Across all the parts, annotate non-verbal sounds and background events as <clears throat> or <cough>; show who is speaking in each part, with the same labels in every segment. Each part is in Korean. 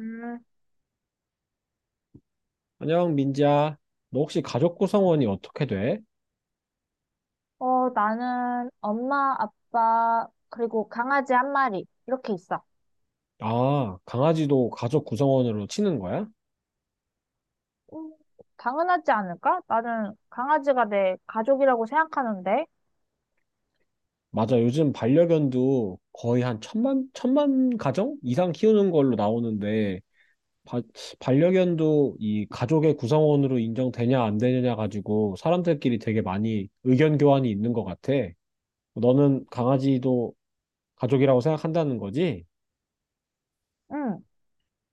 Speaker 1: 음,
Speaker 2: 안녕, 민지야. 너 혹시 가족 구성원이 어떻게 돼?
Speaker 1: 나는 엄마, 아빠, 그리고 강아지 한 마리, 이렇게 있어.
Speaker 2: 아, 강아지도 가족 구성원으로 치는 거야?
Speaker 1: 음, 당연하지 않을까? 나는 강아지가 내 가족이라고 생각하는데,
Speaker 2: 맞아, 요즘 반려견도 거의 한 천만 가정 이상 키우는 걸로 나오는데, 바- 반려견도 이 가족의 구성원으로 인정되냐 안 되느냐 가지고 사람들끼리 되게 많이 의견 교환이 있는 것 같아. 너는 강아지도 가족이라고 생각한다는 거지?
Speaker 1: 음,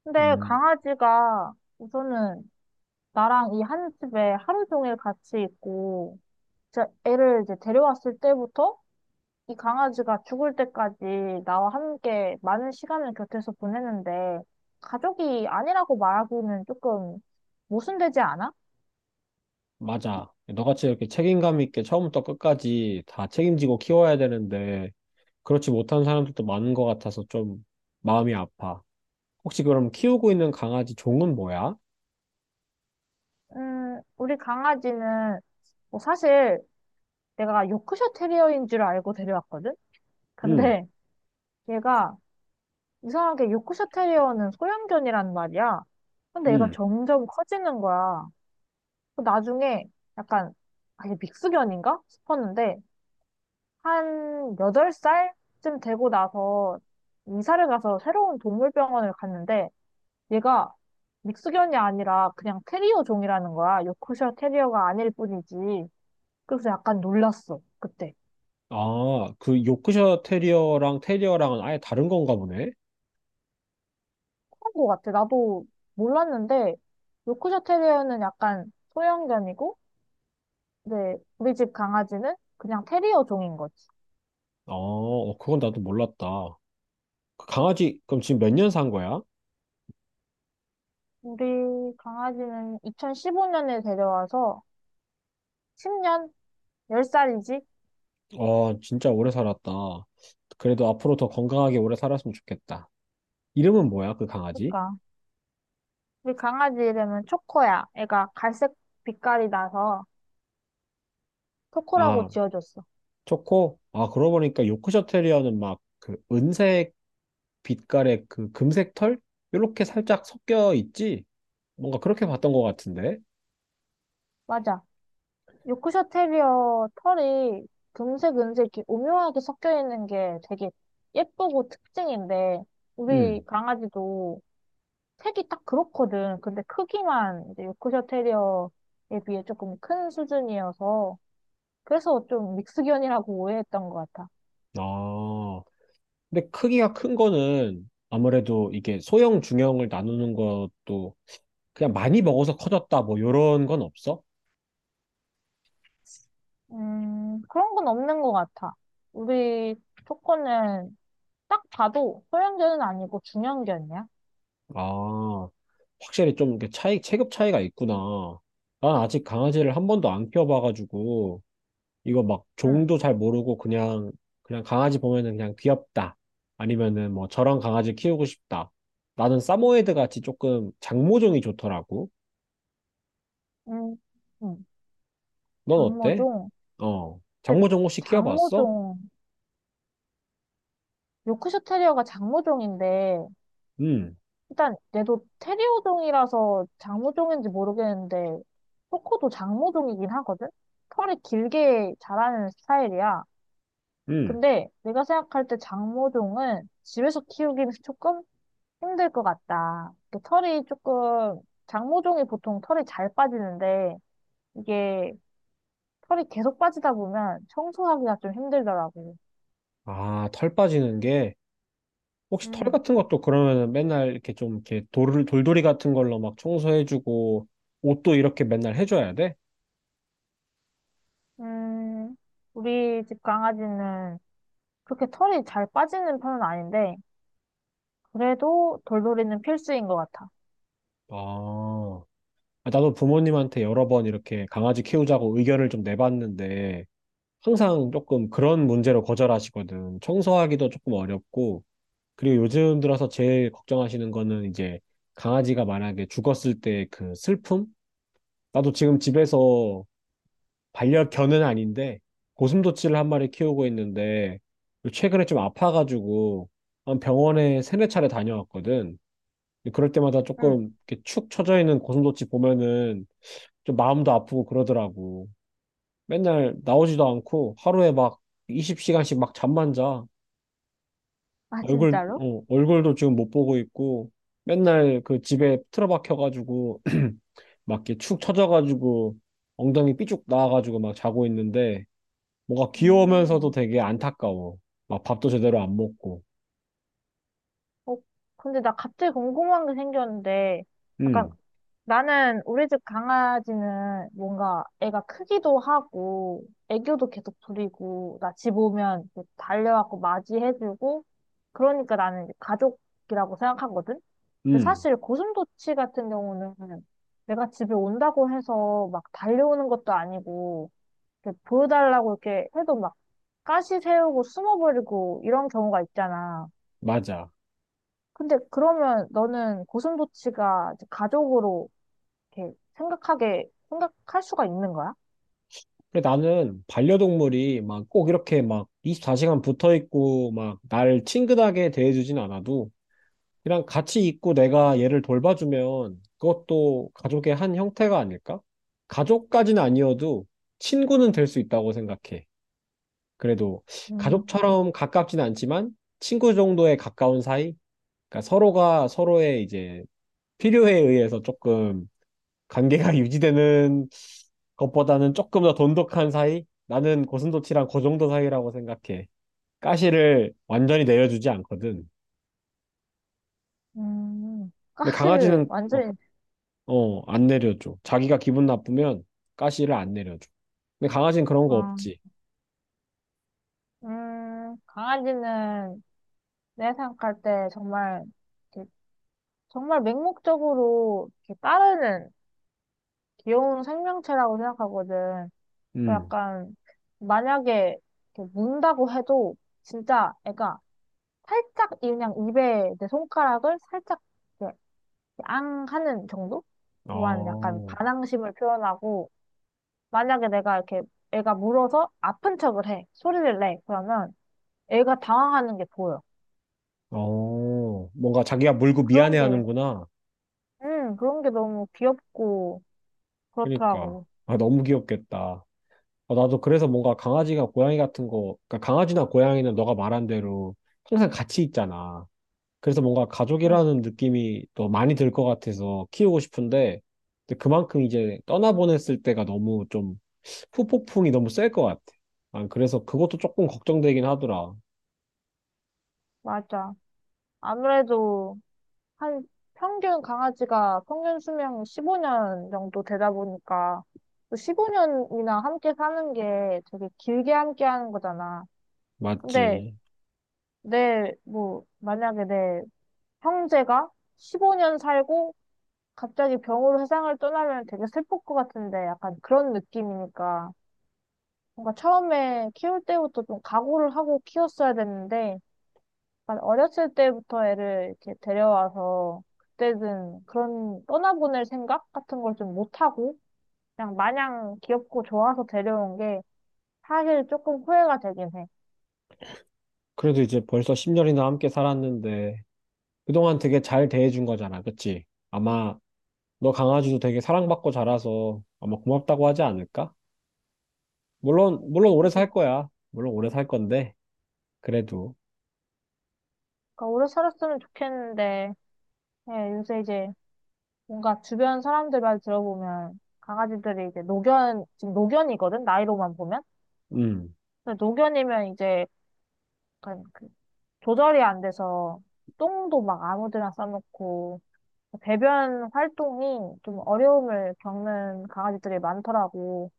Speaker 1: 근데
Speaker 2: 음,
Speaker 1: 강아지가 우선은 나랑 이 한 집에 하루 종일 같이 있고, 진 애를 이제 데려왔을 때부터 이 강아지가 죽을 때까지 나와 함께 많은 시간을 곁에서 보내는데, 가족이 아니라고 말하기는 조금 모순되지 않아?
Speaker 2: 맞아. 너같이 이렇게 책임감 있게 처음부터 끝까지 다 책임지고 키워야 되는데, 그렇지 못한 사람들도 많은 것 같아서 좀 마음이 아파. 혹시 그럼 키우고 있는 강아지 종은 뭐야?
Speaker 1: 우리 강아지는 뭐 사실 내가 요크셔 테리어인 줄 알고 데려왔거든?
Speaker 2: 응.
Speaker 1: 근데 얘가 이상하게 요크셔 테리어는 소형견이란 말이야. 근데 얘가
Speaker 2: 응.
Speaker 1: 점점 커지는 거야. 그 나중에 약간 아예 믹스견인가 싶었는데 한 8살쯤 되고 나서 이사를 가서 새로운 동물병원을 갔는데 얘가 믹스견이 아니라 그냥 테리어 종이라는 거야. 요크셔 테리어가 아닐 뿐이지. 그래서 약간 놀랐어, 그때.
Speaker 2: 아, 그 요크셔 테리어랑 테리어랑은 아예 다른 건가 보네?
Speaker 1: 그런 거 같아. 나도 몰랐는데, 요크셔 테리어는 약간 소형견이고, 이제 우리 집 강아지는 그냥 테리어 종인 거지.
Speaker 2: 아 어, 그건 나도 몰랐다. 그 강아지, 그럼 지금 몇 년 산 거야?
Speaker 1: 우리 강아지는 2015년에 데려와서 10년? 10살이지?
Speaker 2: 어, 진짜 오래 살았다. 그래도 앞으로 더 건강하게 오래 살았으면 좋겠다. 이름은 뭐야, 그 강아지?
Speaker 1: 그러니까. 우리 강아지 이름은 초코야. 애가 갈색 빛깔이 나서 초코라고
Speaker 2: 아,
Speaker 1: 지어줬어.
Speaker 2: 초코? 아, 그러고 보니까 요크셔 테리어는 막 그 은색 빛깔의 그 금색 털? 요렇게 살짝 섞여 있지? 뭔가 그렇게 봤던 것 같은데.
Speaker 1: 맞아. 요크셔 테리어 털이 금색, 은색 이렇게 오묘하게 섞여 있는 게 되게 예쁘고 특징인데
Speaker 2: 음.
Speaker 1: 우리 강아지도 색이 딱 그렇거든. 근데 크기만 이제 요크셔 테리어에 비해 조금 큰 수준이어서 그래서 좀 믹스견이라고 오해했던 것 같아.
Speaker 2: 아. 근데 크기가 큰 거는 아무래도 이게 소형, 중형을 나누는 것도 그냥 많이 먹어서 커졌다 뭐 요런 건 없어?
Speaker 1: 그런 건 없는 것 같아. 우리 초코는 딱 봐도 소형견은 아니고 중형견이야.
Speaker 2: 아. 확실히 좀 이렇게 차이, 체급 차이가 있구나. 난 아직 강아지를 한 번도 안 키워봐가지고 이거 막
Speaker 1: 응.
Speaker 2: 종도 잘 모르고 그냥 강아지 보면은 그냥 귀엽다. 아니면은 뭐 저런 강아지 키우고 싶다. 나는 사모예드 같이 조금 장모종이 좋더라고.
Speaker 1: 음, 음,
Speaker 2: 넌 어때?
Speaker 1: 장모종.
Speaker 2: 어.
Speaker 1: 근데
Speaker 2: 장모종 혹시 키워봤어?
Speaker 1: 장모종 요크셔 테리어가 장모종인데,
Speaker 2: 음.
Speaker 1: 일단 얘도 테리어종이라서 장모종인지 모르겠는데, 코코도 장모종이긴 하거든? 털이 길게 자라는 스타일이야.
Speaker 2: 음.
Speaker 1: 근데 내가 생각할 때 장모종은 집에서 키우기는 조금 힘들 것 같다. 그 털이 조금, 장모종이 보통 털이 잘 빠지는데, 이게 털이 계속 빠지다 보면 청소하기가 좀 힘들더라고.
Speaker 2: 아, 털 빠지는 게 혹시 털
Speaker 1: 음,
Speaker 2: 같은 것도 그러면은 맨날 이렇게 좀 이렇게 돌 돌돌이 같은 걸로 막 청소해주고 옷도 이렇게 맨날 해줘야 돼?
Speaker 1: 음, 우리 집 강아지는 그렇게 털이 잘 빠지는 편은 아닌데, 그래도 돌돌이는 필수인 것 같아.
Speaker 2: 아, 아, 나도 부모님한테 여러 번 이렇게 강아지 키우자고 의견을 좀 내봤는데 항상 조금 그런 문제로 거절하시거든. 청소하기도 조금 어렵고, 그리고 요즘 들어서 제일 걱정하시는 거는 이제 강아지가 만약에 죽었을 때 그 슬픔? 나도 지금 집에서 반려견은 아닌데, 고슴도치를 한 마리 키우고 있는데, 최근에 좀 아파가지고 한 병원에 세네 차례 다녀왔거든. 근데 그럴 때마다
Speaker 1: 응.
Speaker 2: 조금 이렇게 축 처져 있는 고슴도치 보면은 좀 마음도 아프고 그러더라고. 맨날 나오지도 않고 하루에 막 20시간씩 막 잠만 자.
Speaker 1: 아,
Speaker 2: 얼굴,
Speaker 1: 진짜로?
Speaker 2: 어, 얼굴도 지금 못 보고 있고 맨날 그 집에 틀어박혀가지고 <clears throat> 막 이렇게 축 처져가지고 엉덩이 삐쭉 나와가지고 막 자고 있는데 뭔가 귀여우면서도
Speaker 1: 음.
Speaker 2: 되게 안타까워. 막 밥도 제대로 안 먹고.
Speaker 1: 어, 근데 나 갑자기 궁금한 게 생겼는데, 약간
Speaker 2: 음,
Speaker 1: 나는 우리 집 강아지는 뭔가 애가 크기도 하고, 애교도 계속 부리고, 나 집 오면 이렇게 달려와서 맞이해주고, 그러니까 나는 이제 가족이라고 생각하거든? 근데
Speaker 2: 음,
Speaker 1: 사실 고슴도치 같은 경우는 내가 집에 온다고 해서 막 달려오는 것도 아니고, 이렇게 보여달라고 이렇게 해도 막 가시 세우고 숨어버리고 이런 경우가 있잖아.
Speaker 2: 맞아.
Speaker 1: 근데 그러면 너는 고슴도치가 이제 가족으로 생각할 수가 있는 거야?
Speaker 2: 근데 나는 반려동물이 막 꼭 이렇게 막 24시간 붙어 있고 막 날 친근하게 대해주진 않아도 이랑 같이 있고 내가 얘를 돌봐주면 그것도 가족의 한 형태가 아닐까? 가족까지는 아니어도 친구는 될 수 있다고 생각해. 그래도
Speaker 1: 음,
Speaker 2: 가족처럼 가깝진 않지만 친구 정도에 가까운 사이? 그러니까 서로가 서로의 이제 필요에 의해서 조금 관계가 <laughs> 유지되는 것보다는 조금 더 돈독한 사이? 나는 고슴도치랑 그 정도 사이라고 생각해. 가시를 완전히 내려주지 않거든. 근데
Speaker 1: 가시를
Speaker 2: 강아지는
Speaker 1: 완전히,
Speaker 2: 어, 안 내려줘. 자기가 기분 나쁘면 가시를 안 내려줘. 근데 강아지는 그런 거
Speaker 1: 아,
Speaker 2: 없지.
Speaker 1: 강아지는 내 생각할 때 정말, 이렇게 정말 맹목적으로 이렇게 따르는 귀여운 생명체라고 생각하거든.
Speaker 2: 음.
Speaker 1: 약간 만약에 이렇게 문다고 해도 진짜 애가 살짝 그냥 입에 내 손가락을 살짝 이렇게 앙 하는 정도만 약간
Speaker 2: 어,
Speaker 1: 반항심을 표현하고 만약에 내가 이렇게 애가 물어서 아픈 척을 해 소리를 내 그러면 애가 당황하는 게 보여.
Speaker 2: 어, 뭔가 자기가 물고
Speaker 1: 그런 게
Speaker 2: 미안해하는구나.
Speaker 1: 그런 게 너무 귀엽고
Speaker 2: 그러니까.
Speaker 1: 그렇더라고.
Speaker 2: 아, 너무 귀엽겠다. 아, 나도 그래서 뭔가 강아지가 고양이 같은 거, 그러니까 강아지나 고양이는 너가 말한 대로 항상 같이 있잖아. 그래서 뭔가
Speaker 1: 응.
Speaker 2: 가족이라는 느낌이 더 많이 들 것 같아서 키우고 싶은데, 근데 그만큼 이제 떠나보냈을 때가 너무 좀 후폭풍이 너무 셀 것 같아. 아, 그래서 그것도 조금 걱정되긴 하더라.
Speaker 1: 맞아. 아무래도 한 평균 강아지가 평균 수명 15년 정도 되다 보니까 15년이나 함께 사는 게 되게 길게 함께 하는 거잖아. 근데
Speaker 2: 맞지.
Speaker 1: 내, 뭐, 만약에 내 형제가 15년 살고 갑자기 병으로 세상을 떠나면 되게 슬플 것 같은데 약간 그런 느낌이니까 뭔가 처음에 키울 때부터 좀 각오를 하고 키웠어야 됐는데 약간 어렸을 때부터 애를 이렇게 데려와서 그때는 그런 떠나보낼 생각 같은 걸 좀 못하고 그냥 마냥 귀엽고 좋아서 데려온 게 사실 조금 후회가 되긴 해.
Speaker 2: 그래도 이제 벌써 10년이나 함께 살았는데, 그동안 되게 잘 대해준 거잖아. 그치? 아마 너 강아지도 되게 사랑받고 자라서 아마 고맙다고 하지 않을까? 물론 오래
Speaker 1: 그러니까
Speaker 2: 살 거야. 물론 오래 살 건데, 그래도.
Speaker 1: 오래 살았으면 좋겠는데 예, 요새 이제 뭔가 주변 사람들 말 들어보면 강아지들이 이제 노견 지금 노견이거든 나이로만 보면
Speaker 2: 음.
Speaker 1: 근데 노견이면 이제 약간 그 조절이 안 돼서 똥도 막 아무데나 싸놓고 배변 활동이 좀 어려움을 겪는 강아지들이 많더라고.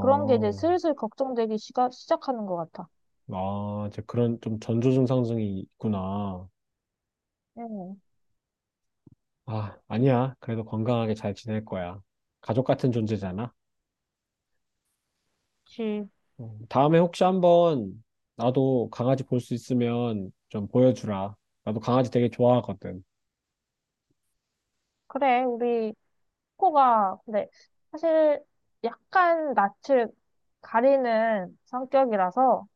Speaker 1: 그런 게 이제 슬슬 걱정되기 시작하는 것 같아.
Speaker 2: 아, 이제 그런 좀 전조 증상증이 있구나.
Speaker 1: 응,
Speaker 2: 아, 아니야. 그래도 건강하게 잘 지낼 거야. 가족 같은 존재잖아.
Speaker 1: 그치.
Speaker 2: 어, 다음에 혹시 한번 나도 강아지 볼 수 있으면 좀 보여주라. 나도 강아지 되게 좋아하거든.
Speaker 1: 그래, 우리 코가, 근데 사실 약간 낯을 가리는 성격이라서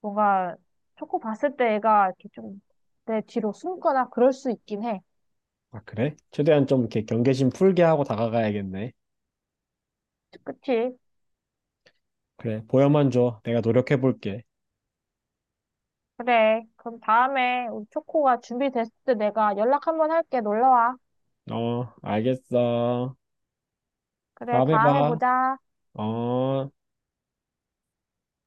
Speaker 1: 뭔가 초코 봤을 때 애가 이렇게 좀 내 뒤로 숨거나 그럴 수 있긴 해.
Speaker 2: 아, 그래? 최대한 좀 이렇게 경계심 풀게 하고 다가가야겠네.
Speaker 1: 그치.
Speaker 2: 그래, 보여만 줘. 내가 노력해 볼게.
Speaker 1: 그래. 그럼 다음에 우리 초코가 준비됐을 때 내가 연락 한번 할게. 놀러와.
Speaker 2: 어, 알겠어.
Speaker 1: 그래,
Speaker 2: 다음에
Speaker 1: 다음에
Speaker 2: 봐.
Speaker 1: 보자.
Speaker 2: 어.